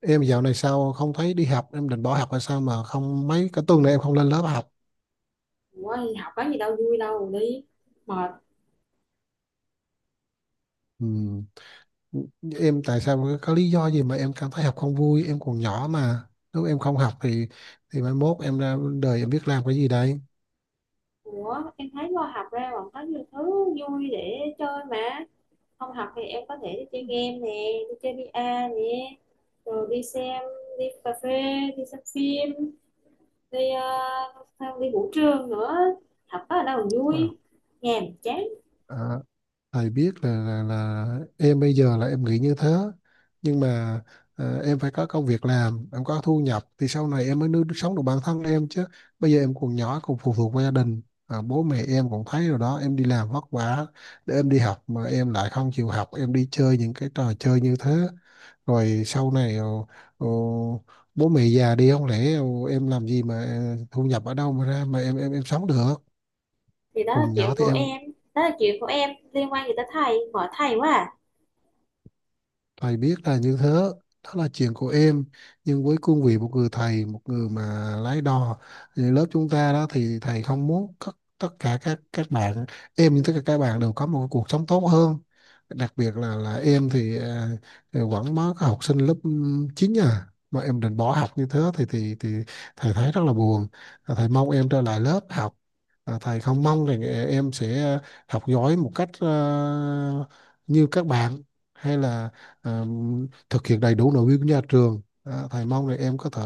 Em dạo này sao không thấy đi học? Em định bỏ học hay sao mà không mấy cái tuần này em không lên lớp học? Ủa đi học có gì đâu, vui đâu đi, mệt. Ừ. Em tại sao có lý do gì mà em cảm thấy học không vui? Em còn nhỏ mà, nếu em không học thì mai mốt em ra đời em biết làm cái gì đây? Ủa em thấy lo, học ra còn có nhiều thứ vui để chơi mà. Không học thì em có thể đi chơi game nè, đi chơi VR nè, rồi đi xem, đi cà phê, đi xem phim, đi đi vũ trường nữa. Học có ở đâu mà Wow. vui. Nhàm chán. À, Thầy biết là, em bây giờ là em nghĩ như thế, nhưng mà em phải có công việc làm em có thu nhập thì sau này em mới nuôi sống được bản thân em chứ. Bây giờ em còn nhỏ còn phụ thuộc vào gia đình. Bố mẹ em cũng thấy rồi đó, em đi làm vất vả để em đi học mà em lại không chịu học, em đi chơi những cái trò chơi như thế. Rồi sau này ờ, bố mẹ già đi, không lẽ em làm gì mà thu nhập ở đâu mà ra mà em sống được? Thì đó là Còn chuyện nhỏ thì của em. em. Đó là chuyện của em, liên quan gì tới thầy, bỏ thầy quá à. Thầy biết là như thế, đó là chuyện của em. Nhưng với cương vị một người thầy, một người mà lái đò, thì lớp chúng ta đó thì thầy không muốn tất cả các bạn, em như tất cả các bạn đều có một cuộc sống tốt hơn. Đặc biệt là em thì, thì vẫn mới có học sinh lớp 9 à, mà em định bỏ học như thế thì thầy thấy rất là buồn. Và thầy mong em trở lại lớp học. Và thầy không mong rằng em sẽ học giỏi một cách như các bạn, hay là à, thực hiện đầy đủ nội quy của nhà trường. Thầy mong là em có thể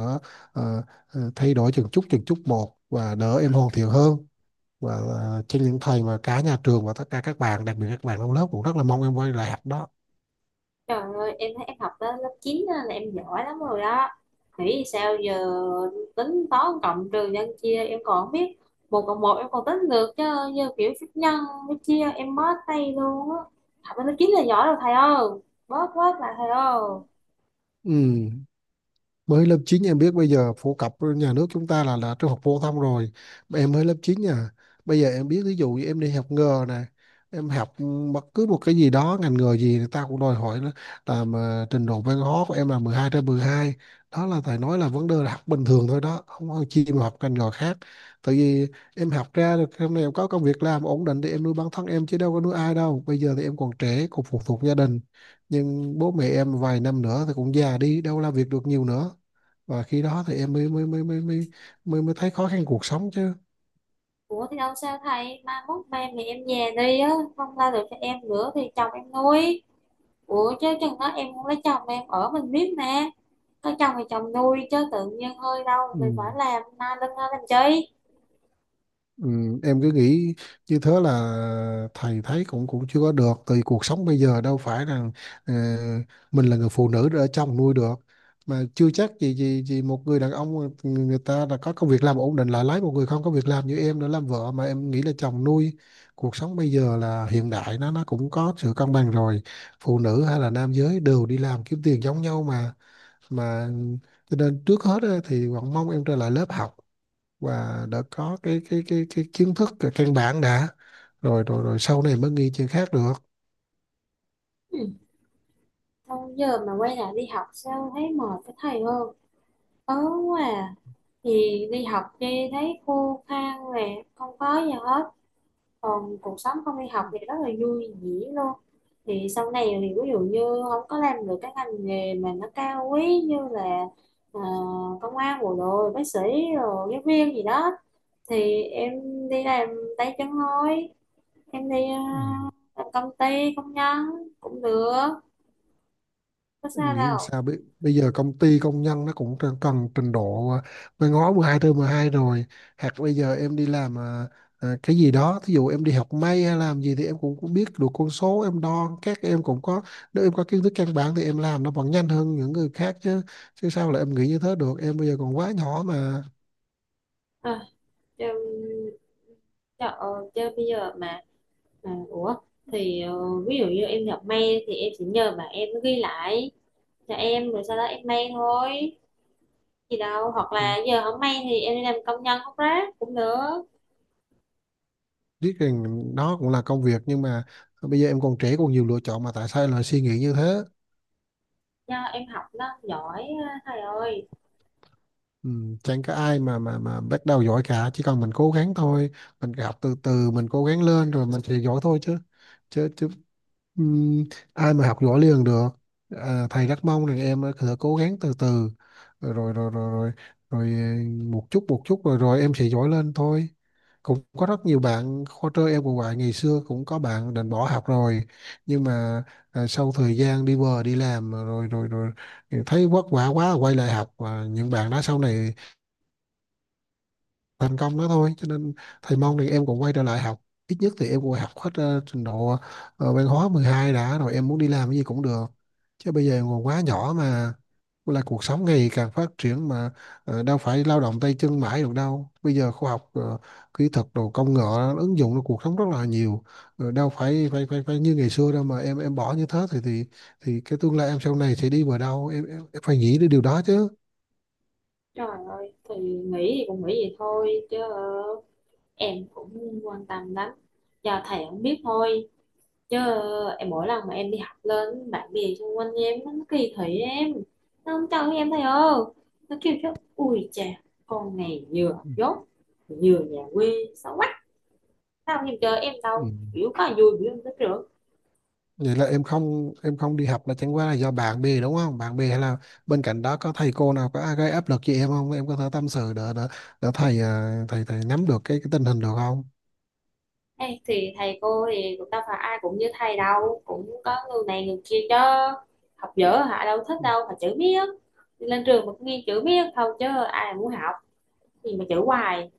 à, thay đổi từng chút một và đỡ em hoàn thiện hơn, và trên những thầy mà cả nhà trường và tất cả các bạn, đặc biệt các bạn trong lớp cũng rất là mong em quay lại học đó. Trời ơi, em thấy em học tới lớp 9 á là em giỏi lắm rồi đó. Nghĩ sao giờ tính toán cộng trừ nhân chia em còn không biết. Một cộng một em còn tính được, chứ như kiểu phép nhân phép chia em bó tay luôn á. Học tới lớp 9 là giỏi rồi thầy ơi. Bớt bớt lại thầy ơi. Ừ, mới lớp 9 em biết bây giờ phổ cập nhà nước chúng ta là trung học phổ thông rồi. Mà em mới lớp 9 nha, bây giờ em biết, ví dụ như em đi học nghề này, em học bất cứ một cái gì đó, ngành nghề gì người ta cũng đòi hỏi nó là mà trình độ văn hóa của em là 12 trên 12. Đó là thầy nói là vấn đề là học bình thường thôi đó, không có chi mà học ngành nghề khác. Tại vì em học ra được hôm nay em có công việc làm ổn định thì em nuôi bản thân em chứ đâu có nuôi ai đâu. Bây giờ thì em còn trẻ còn phụ thuộc gia đình, nhưng bố mẹ em vài năm nữa thì cũng già đi đâu làm việc được nhiều nữa, và khi đó thì em mới thấy khó khăn cuộc sống chứ. Ủa thì đâu sao thầy, mai mốt ba mẹ em về đi á, không ra được cho em nữa thì chồng em nuôi. Ủa chứ chừng đó em không lấy chồng em ở mình biết mà. Có chồng thì chồng nuôi, chứ tự nhiên hơi đâu Ừ. mình phải làm na lưng ra làm chi. Ừ. Em cứ nghĩ như thế là thầy thấy cũng cũng chưa có được, tại vì cuộc sống bây giờ đâu phải rằng ờ, mình là người phụ nữ để chồng nuôi được. Mà chưa chắc gì gì gì một người đàn ông, người người ta đã có công việc làm ổn định lại lấy một người không có việc làm như em để làm vợ mà em nghĩ là chồng nuôi. Cuộc sống bây giờ là hiện đại, nó cũng có sự cân bằng rồi, phụ nữ hay là nam giới đều đi làm kiếm tiền giống nhau mà, mà cho nên trước hết á, thì Hoàng mong em trở lại lớp học và đã có cái kiến thức căn bản đã, rồi rồi rồi sau này mới nghi chuyện khác được. Ừ. Thôi giờ mà quay lại đi học sao thấy mệt cái thầy, hơn ớn quá à. Thì đi học đi thấy khô khan nè, không có gì hết, còn cuộc sống không đi học thì rất là vui vẻ luôn. Thì sau này thì ví dụ như không có làm được cái ngành nghề mà nó cao quý như là ờ, công an, bộ đội, bác sĩ, rồi giáo viên gì đó, thì em đi làm tay chân thôi. Em đi Ừ. làm công ty, công nhân cũng được, có Em sao nghĩ làm đâu. sao bây giờ công ty công nhân nó cũng cần trình độ văn hóa 12 trên 12 rồi. Hoặc bây giờ em đi làm cái gì đó, thí dụ em đi học may hay làm gì thì em cũng biết được con số em đo các em cũng có. Nếu em có kiến thức căn bản thì em làm nó vẫn nhanh hơn những người khác chứ chứ sao là em nghĩ như thế được, em bây giờ còn quá nhỏ mà. Cho, cho, ờ, cho bây giờ mà thì ờ, ví dụ như em nhập mail thì em chỉ nhờ mà em ghi lại cho em, rồi sau đó em mail thôi, gì đâu. Hoặc Ừ. là giờ không mail thì em đi làm công nhân hút rác cũng được. Biết rằng nó cũng là công việc, nhưng mà bây giờ em còn trẻ còn nhiều lựa chọn, mà tại sao em lại suy nghĩ như thế? Do em học nó giỏi á, thầy ơi. Ừ, chẳng có ai mà bắt đầu giỏi cả, chỉ cần mình cố gắng thôi. Mình học từ từ mình cố gắng lên rồi mình sẽ giỏi thôi chứ, chứ chứ ừm, ai mà học giỏi liền được. Thầy rất mong rằng em cứ cố gắng từ từ, rồi rồi rồi rồi rồi, rồi một chút rồi rồi em sẽ giỏi lên thôi. Cũng có rất nhiều bạn khóa trơ em cũng vậy, ngày xưa cũng có bạn định bỏ học rồi, nhưng mà sau thời gian đi bờ đi làm rồi rồi rồi thấy vất vả quá quay lại học, và những bạn đó sau này thành công đó thôi, cho nên thầy mong thì em cũng quay trở lại học. Ít nhất thì em cũng học hết trình độ văn hóa 12 đã, rồi em muốn đi làm cái gì cũng được, chứ bây giờ còn quá nhỏ mà. Là cuộc sống ngày càng phát triển mà, đâu phải lao động tay chân mãi được đâu. Bây giờ khoa học kỹ thuật đồ công nghệ nó ứng dụng vào cuộc sống rất là nhiều. Đâu phải phải phải phải như ngày xưa đâu mà em bỏ như thế thì cái tương lai em sau này sẽ đi vào đâu, em phải nghĩ đến điều đó chứ. Trời ơi, thì nghĩ thì cũng nghĩ vậy thôi, chứ em cũng quan tâm lắm, do thầy không biết thôi chứ. Em mỗi lần mà em đi học lên, bạn bè xung quanh em nó kỳ thị em, nó không cho em thầy ơi. Nó kêu chứ: ui chà, con này vừa Ừ. dốt vừa nhà quê xấu quá, sao không em chơi. Em Ừ. đâu biểu có là vui, biểu không thích được. Vậy là em không, em không đi học là chẳng qua là do bạn bè đúng không? Bạn bè hay là bên cạnh đó có thầy cô nào có gây áp lực cho em không? Em có thể tâm sự để thầy, thầy nắm được cái tình hình được không? Ê, thì thầy cô thì cũng đâu phải ai cũng như thầy đâu, cũng có người này người kia chứ. Học dở hả đâu thích đâu mà chữ biết, đi lên trường mà cũng nghe chữ biết thôi chứ. Ai mà muốn học thì mà chữ hoài,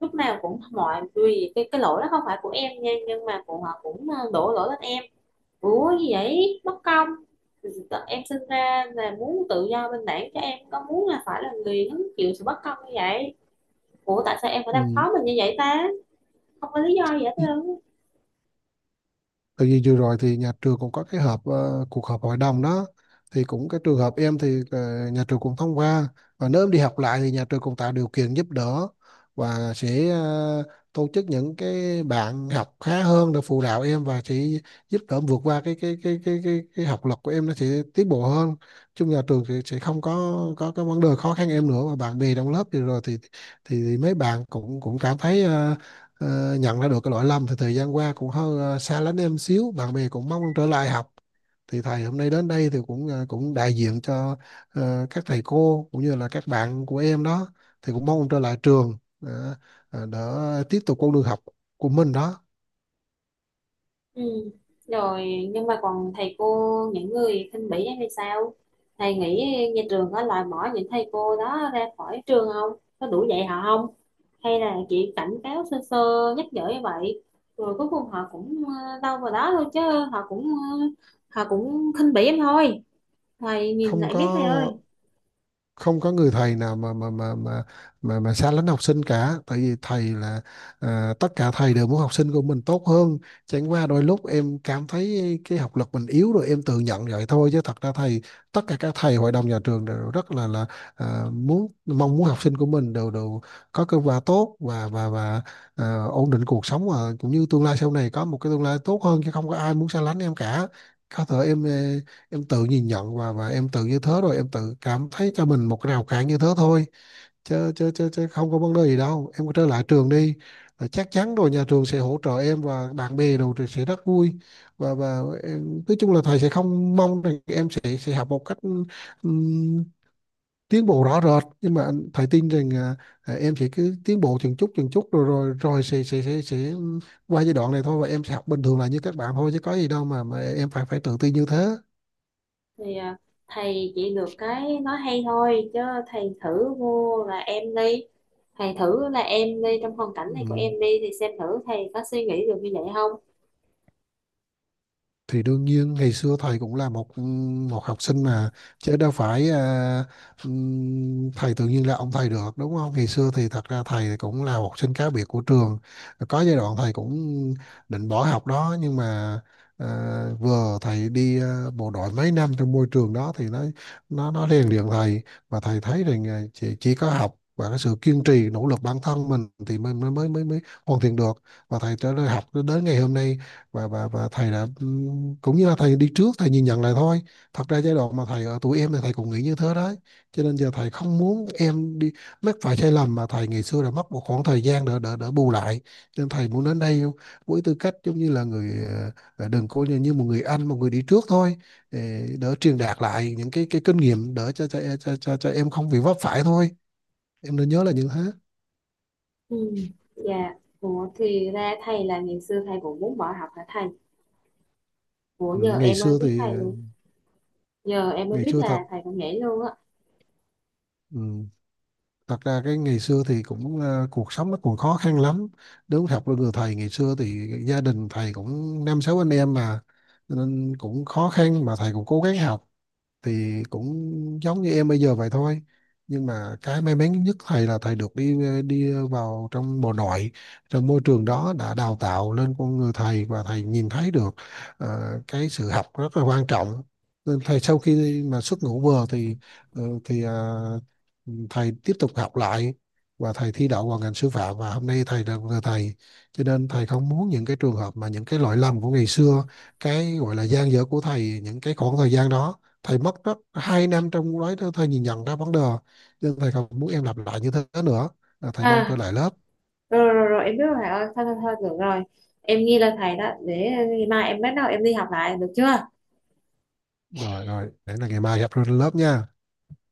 lúc nào cũng mọi vì cái lỗi đó không phải của em nha, nhưng mà cũng họ cũng đổ lỗi lên em. Ủa gì vậy, bất công. Em sinh ra là muốn tự do bình đẳng, cho em có muốn là phải là người hứng chịu sự bất công như vậy. Ủa tại sao em phải làm khó mình như vậy ta, không có lý do gì hết Ừ. trơn. Tại vì vừa rồi thì nhà trường cũng có cái họp, cuộc họp hội đồng đó, thì cũng cái trường hợp em thì nhà trường cũng thông qua, và nếu em đi học lại thì nhà trường cũng tạo điều kiện giúp đỡ, và sẽ tổ chức những cái bạn học khá hơn để phụ đạo em, và sẽ giúp đỡ em vượt qua cái học lực của em, nó sẽ tiến bộ hơn. Chung nhà trường thì sẽ không có cái vấn đề khó khăn em nữa, và bạn bè trong lớp vừa rồi thì mấy bạn cũng cũng cảm thấy, nhận ra được cái lỗi lầm, thì thời gian qua cũng hơi xa lánh em xíu, bạn bè cũng mong trở lại học. Thì thầy hôm nay đến đây thì cũng, cũng đại diện cho các thầy cô cũng như là các bạn của em đó, thì cũng mong trở lại trường, để tiếp tục con đường học của mình đó. Ừ. Rồi nhưng mà còn thầy cô những người khinh bỉ em thì sao? Thầy nghĩ nhà trường có loại bỏ những thầy cô đó ra khỏi trường không, có đủ dạy họ không, hay là chị cảnh cáo sơ sơ nhắc nhở như vậy rồi cuối cùng họ cũng đâu vào đó thôi chứ. Họ cũng ờ, họ cũng khinh bỉ em thôi, thầy nhìn không lại có biết thầy ơi. không có người thầy nào mà xa lánh học sinh cả, tại vì thầy là, tất cả thầy đều muốn học sinh của mình tốt hơn. Chẳng qua đôi lúc em cảm thấy cái học lực mình yếu rồi em tự nhận vậy thôi, chứ thật ra thầy, tất cả các thầy hội đồng nhà trường đều rất là muốn mong muốn học sinh của mình đều đều có kết quả tốt, và ổn định cuộc sống, và cũng như tương lai sau này có một cái tương lai tốt hơn, chứ không có ai muốn xa lánh em cả. Có thể em em tự nhìn nhận, và em tự như thế rồi em tự cảm thấy cho mình một cái rào cản như thế thôi, chứ không có vấn đề gì đâu, em trở lại trường đi. Là chắc chắn rồi, nhà trường sẽ hỗ trợ em và bạn bè đồ thì sẽ rất vui, và em, nói chung là thầy sẽ không mong rằng em sẽ học một cách ừm, tiến bộ rõ rệt, nhưng mà thầy tin rằng em sẽ cứ tiến bộ từng chút từng chút, rồi rồi rồi sẽ qua giai đoạn này thôi, và em sẽ học bình thường là như các bạn thôi, chứ có gì đâu mà em phải phải tự tin như thế. Thì thầy chỉ được cái nói hay thôi chứ. Thầy thử vô là em đi, thầy thử là em đi trong hoàn cảnh Ừ. này của em đi, thì xem thử thầy có suy nghĩ được như vậy không. Thì đương nhiên ngày xưa thầy cũng là một học sinh mà, chứ đâu phải thầy tự nhiên là ông thầy được đúng không? Ngày xưa thì thật ra thầy cũng là học sinh cá biệt của trường, có giai đoạn thầy cũng định bỏ học đó, nhưng mà à, vừa thầy đi bộ đội mấy năm, trong môi trường đó thì nó rèn luyện thầy, và thầy thấy rằng chỉ có học và cái sự kiên trì nỗ lực bản thân mình thì mình mới mới mới mới hoàn thiện được. Và thầy trở lại học đến ngày hôm nay, và thầy đã, cũng như là thầy đi trước thầy nhìn nhận lại thôi. Thật ra giai đoạn mà thầy ở tuổi em thì thầy cũng nghĩ như thế đấy, cho nên giờ thầy không muốn em đi mắc phải sai lầm mà thầy ngày xưa đã mất một khoảng thời gian để bù lại. Cho nên thầy muốn đến đây với tư cách giống như là người, đừng coi như một người anh, một người đi trước thôi, để truyền đạt lại những cái kinh nghiệm để cho em không bị vấp phải thôi, em nên nhớ là những thế. Ừ. Dạ. Ủa thì ra thầy là ngày xưa thầy cũng muốn bỏ học hả thầy? Ủa Ừ, giờ Ngày em mới xưa biết thì, thầy luôn. Giờ em mới ngày biết xưa thật. là thầy cũng nhảy luôn á. Ừ. Thật ra cái ngày xưa thì cũng cuộc sống nó còn khó khăn lắm, đúng học với người thầy ngày xưa thì gia đình thầy cũng năm sáu anh em mà. Cho nên cũng khó khăn mà thầy cũng cố gắng học, thì cũng giống như em bây giờ vậy thôi. Nhưng mà cái may mắn nhất thầy là thầy được đi đi vào trong bộ nội, trong môi trường đó đã đào tạo lên con người thầy, và thầy nhìn thấy được ờ, cái sự học rất là quan trọng. Nên thầy sau khi mà xuất ngũ vừa thì ờ, thì ờ, thầy tiếp tục học lại, và thầy thi đậu vào ngành sư phạm, và hôm nay thầy là người thầy. Cho nên thầy không muốn những cái trường hợp mà những cái lỗi lầm của ngày xưa, cái gọi là gian dở của thầy những cái khoảng thời gian đó, thầy mất rất 2 năm trong đó thầy nhìn nhận ra vấn đề, nhưng thầy không muốn em lặp lại như thế nữa. Là thầy mong À, trở lại lớp. rồi rồi rồi em biết rồi thầy ơi, thôi thôi thôi được rồi. Em ghi lên thầy đó, để mai em bắt đầu em đi học lại được chưa? Rồi rồi để là ngày mai gặp trên lớp nha.